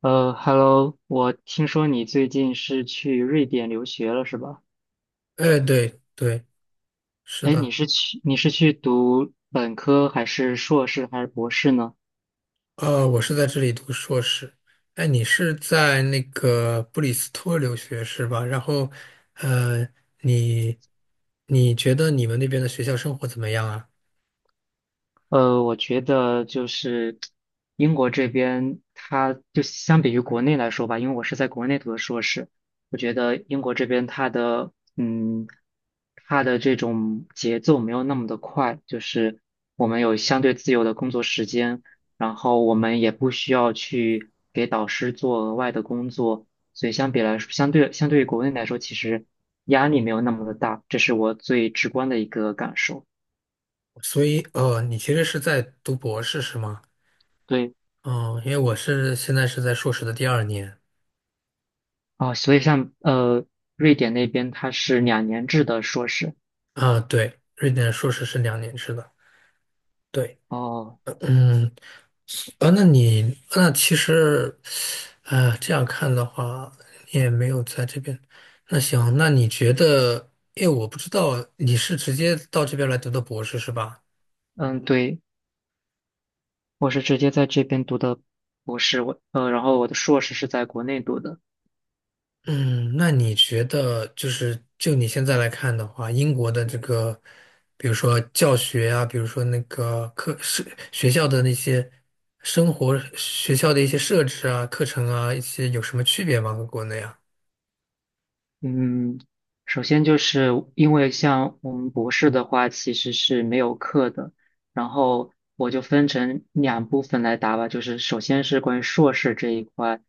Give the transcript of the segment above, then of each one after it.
Hello，我听说你最近是去瑞典留学了，是吧？哎，对对，是哎，你的。是去你是去读本科还是硕士还是博士呢？我是在这里读硕士。哎，你是在那个布里斯托留学是吧？然后，呃，你你觉得你们那边的学校生活怎么样啊？我觉得就是英国这边，它就相比于国内来说吧，因为我是在国内读的硕士。我觉得英国这边它的它的这种节奏没有那么的快，就是我们有相对自由的工作时间，然后我们也不需要去给导师做额外的工作，所以相比来说，相对于国内来说，其实压力没有那么的大，这是我最直观的一个感受。所以，哦，你其实是在读博士是吗？对。哦，因为我是现在是在硕士的第二年。哦，所以像瑞典那边它是两年制的硕士。啊，对，瑞典硕士是两年制的。对，哦，嗯，啊，那你那其实，啊，这样看的话，你也没有在这边。那行，那你觉得，因为我不知道你是直接到这边来读的博士是吧？嗯，对，我是直接在这边读的博士。然后我的硕士是在国内读的。嗯，那你觉得就你现在来看的话，英国的这个，比如说教学啊，比如说那个课是学校的那些生活学校的一些设置啊、课程啊，一些有什么区别吗？和国内啊？嗯，首先就是因为像我们博士的话，其实是没有课的。然后我就分成两部分来答吧，就是首先是关于硕士这一块。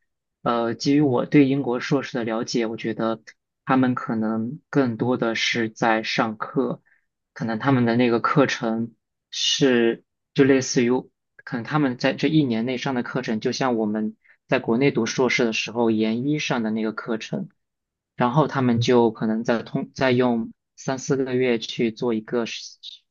基于我对英国硕士的了解，我觉得他们可能更多的是在上课，可能他们的那个课程是就类似于，可能他们在这一年内上的课程，就像我们在国内读硕士的时候研一上的那个课程。然后他们就可能再用3、4个月去做一个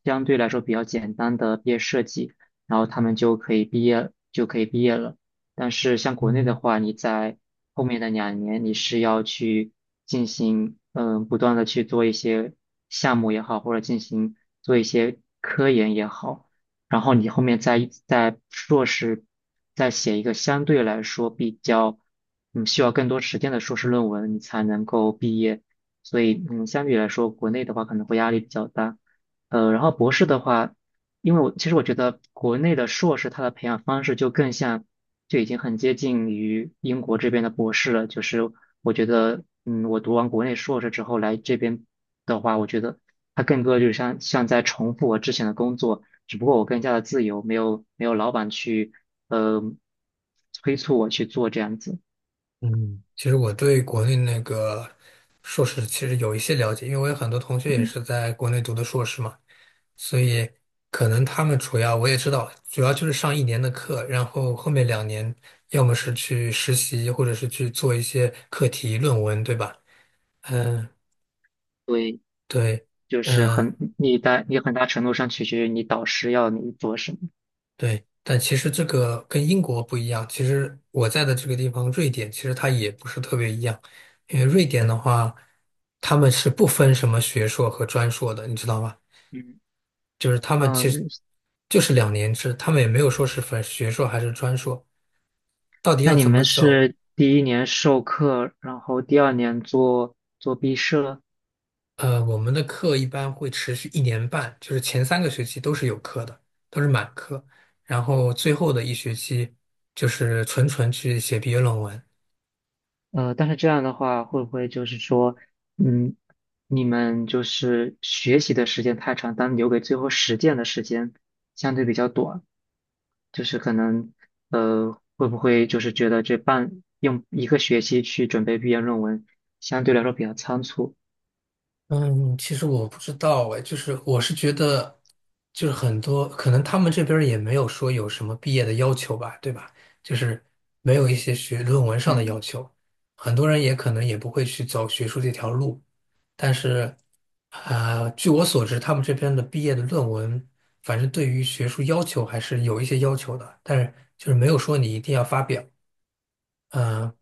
相对来说比较简单的毕业设计，然后他们就可以毕业了。但是像国内的嗯。话，你在后面的两年你是要去进行不断的去做一些项目也好，或者进行做一些科研也好。然后你后面再硕士再写一个相对来说比较，需要更多时间的硕士论文，你才能够毕业。所以，相比来说，国内的话可能会压力比较大。然后博士的话，因为其实我觉得国内的硕士它的培养方式就更像，就已经很接近于英国这边的博士了。就是我觉得，我读完国内硕士之后来这边的话，我觉得它更多就是像在重复我之前的工作。只不过我更加的自由，没有老板去呃催促我去做这样子。嗯。其实我对国内那个硕士其实有一些了解，因为我有很多同学也嗯，是在国内读的硕士嘛，所以可能他们主要我也知道，主要就是上一年的课，然后后面两年要么是去实习，或者是去做一些课题论文，对吧？嗯，对，对，就是嗯，很你大你很大程度上取决于你导师要你做什么。对，但其实这个跟英国不一样。其实我在的这个地方，瑞典，其实它也不是特别一样，因为瑞典的话，他们是不分什么学硕和专硕的，你知道吗？嗯。就是他们其实嗯，就是两年制，他们也没有说是分学硕还是专硕，到底那要你怎们么走？是第一年授课，然后第二年做做毕设？我们的课一般会持续一年半，就是前3个学期都是有课的，都是满课，然后最后的一学期就是纯纯去写毕业论文。但是这样的话，会不会就是说，嗯，你们就是学习的时间太长，但留给最后实践的时间相对比较短？就是可能会不会就是觉得用一个学期去准备毕业论文，相对来说比较仓促。嗯，其实我不知道哎，就是我是觉得，就是很多可能他们这边儿也没有说有什么毕业的要求吧，对吧？就是没有一些学论文上的要嗯，求，很多人也可能也不会去走学术这条路。但是，据我所知，他们这边的毕业的论文，反正对于学术要求还是有一些要求的，但是就是没有说你一定要发表。嗯，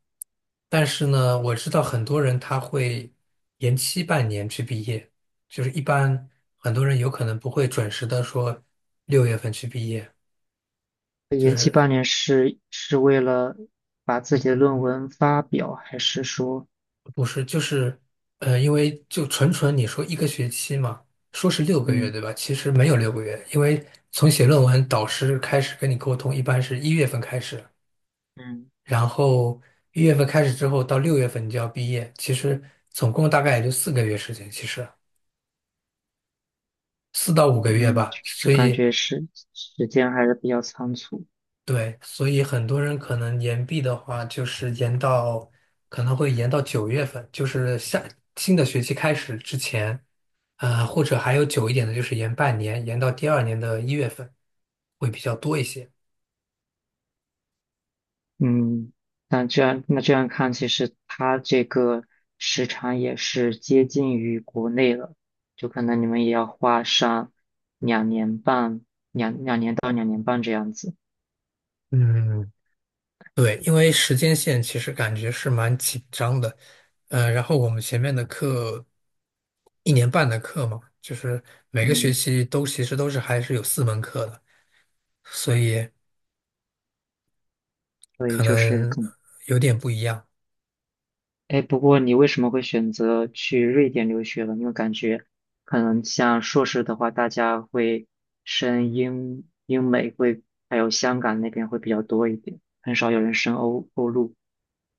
但是呢，我知道很多人他会延期半年去毕业，就是一般很多人有可能不会准时的说六月份去毕业，就延期是半年是为了把自己的论文发表，还是说？不是就是因为就纯纯你说一个学期嘛，说是六个月嗯对吧？其实没有六个月，因为从写论文导师开始跟你沟通，一般是一月份开始，嗯然后一月份开始之后到六月份你就要毕业，其实总共大概也就4个月时间，其实。4到5个月嗯，吧，就所感以觉时间还是比较仓促。对，所以很多人可能延毕的话，就是延到可能会延到9月份，就是下新的学期开始之前，或者还有久一点的，就是延半年，延到第二年的一月份会比较多一些。嗯，那这样看，其实它这个时长也是接近于国内了，就可能你们也要花上两年半，两年到两年半这样子。嗯，对，因为时间线其实感觉是蛮紧张的，然后我们前面的课一年半的课嘛，就是每个学嗯，期都其实都是还是有4门课的。所以所以可就是能更，有点不一样。哎，不过你为什么会选择去瑞典留学了？因为感觉可能像硕士的话，大家会升英美会，还有香港那边会比较多一点，很少有人升欧陆。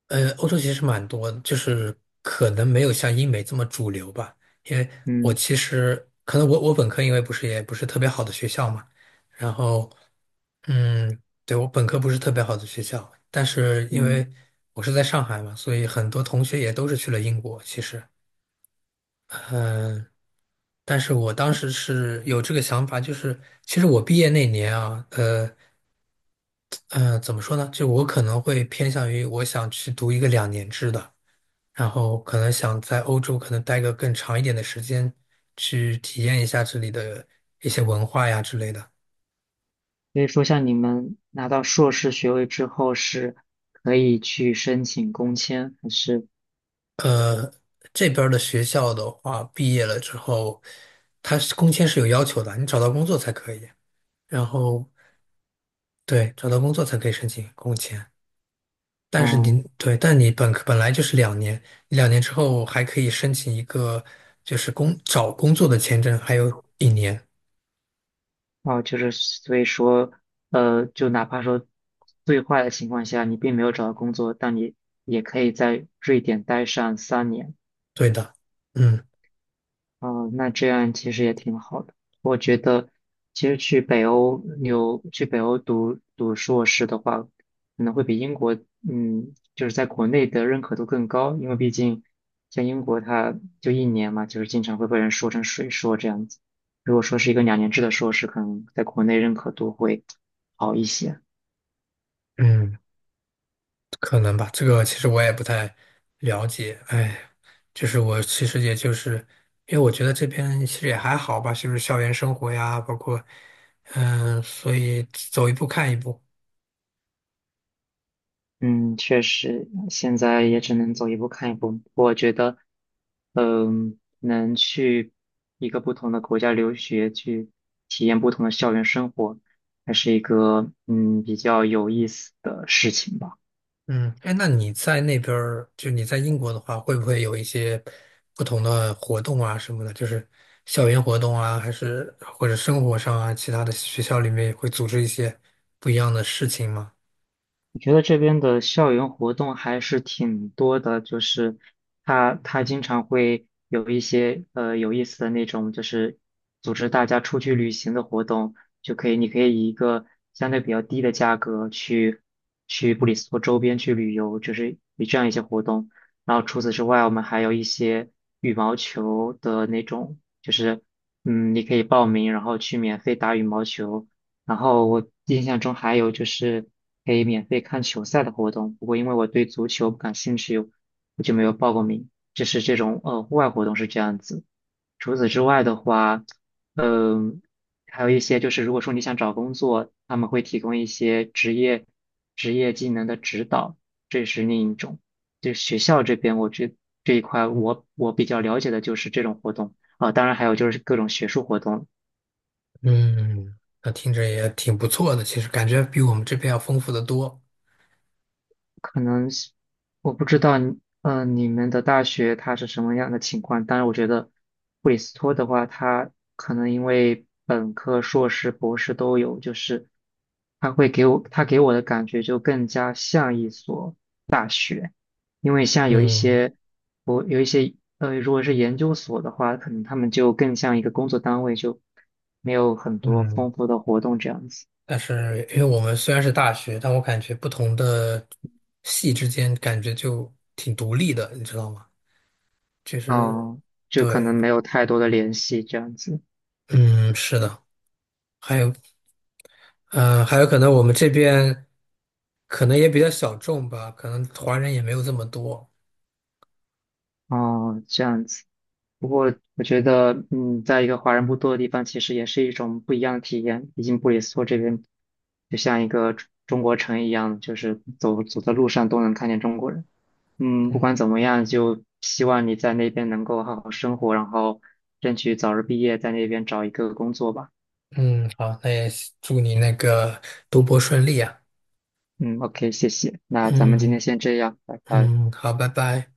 欧洲其实蛮多的就是可能没有像英美这么主流吧。因为我嗯其实可能我本科因为不是也不是特别好的学校嘛，然后嗯，对，我本科不是特别好的学校，但是因嗯。为我是在上海嘛，所以很多同学也都是去了英国。其实，嗯、但是我当时是有这个想法，就是其实我毕业那年啊，嗯，怎么说呢？就我可能会偏向于我想去读一个两年制的，然后可能想在欧洲可能待个更长一点的时间，去体验一下这里的一些文化呀之类的。所以说，像你们拿到硕士学位之后，是可以去申请工签，还是？呃，这边儿的学校的话，毕业了之后，它是工签是有要求的，你找到工作才可以。然后对，找到工作才可以申请工签。但是您哦对，但你本科本来就是两年，两年之后还可以申请一个就是找工作的签证，还有一年。哦，就是所以说，就哪怕说最坏的情况下，你并没有找到工作，但你也可以在瑞典待上3年。对的，嗯哦，那这样其实也挺好的。其实去北欧读读硕士的话，可能会比英国，就是在国内的认可度更高，因为毕竟像英国它就一年嘛，就是经常会被人说成水硕这样子。如果说是一个两年制的硕士，可能在国内认可度会好一些。嗯，可能吧，这个其实我也不太了解。哎，就是我其实也就是因为我觉得这边其实也还好吧，就是校园生活呀，包括所以走一步看一步。嗯，确实，现在也只能走一步看一步。我觉得，能去一个不同的国家留学，去体验不同的校园生活，还是一个比较有意思的事情吧。嗯，哎，那你在那边儿，就你在英国的话，会不会有一些不同的活动啊什么的？就是校园活动啊，还是或者生活上啊，其他的学校里面也会组织一些不一样的事情吗？我觉得这边的校园活动还是挺多的，就是他经常会有一些有意思的那种，就是组织大家出去旅行的活动，就可以你可以以一个相对比较低的价格去布里斯托周边去旅游，就是以这样一些活动。然后除此之外，我们还有一些羽毛球的那种，就是你可以报名，然后去免费打羽毛球。然后我印象中还有就是可以免费看球赛的活动，不过因为我对足球不感兴趣，我就没有报过名。就是这种户外活动是这样子。除此之外的话，嗯、还有一些就是如果说你想找工作，他们会提供一些职业技能的指导，这是另一种。就学校这边，这一块我比较了解的就是这种活动啊、当然还有就是各种学术活动。嗯，那听着也挺不错的，其实感觉比我们这边要丰富的多。可能是我不知道你们的大学它是什么样的情况？但是我觉得布里斯托的话，它可能因为本科、硕士、博士都有，就是它会给我，它给我的感觉就更加像一所，因为像有一嗯些，我有一些，如果是研究所的话，可能他们就更像一个工作单位，就没有很多嗯，丰富的活动这样子。但是因为我们虽然是大学，但我感觉不同的系之间感觉就挺独立的，你知道吗？就是啊，就可对，能没有太多的联系这样子。嗯，是的。还有，嗯，还有可能我们这边可能也比较小众吧，可能华人也没有这么多。哦，这样子。不过我觉得，在一个华人不多的地方，其实也是一种不一样的体验。毕竟布里斯托这边就像一个中国城一样，就是走在路上都能看见中国人。嗯，不管怎么样，就希望你在那边能够好好生活，然后争取早日毕业，在那边找一个工作吧。嗯，好，那也祝你那个读博顺利啊。嗯，OK,谢谢。那咱们今嗯天先这样，拜拜。嗯，好，拜拜。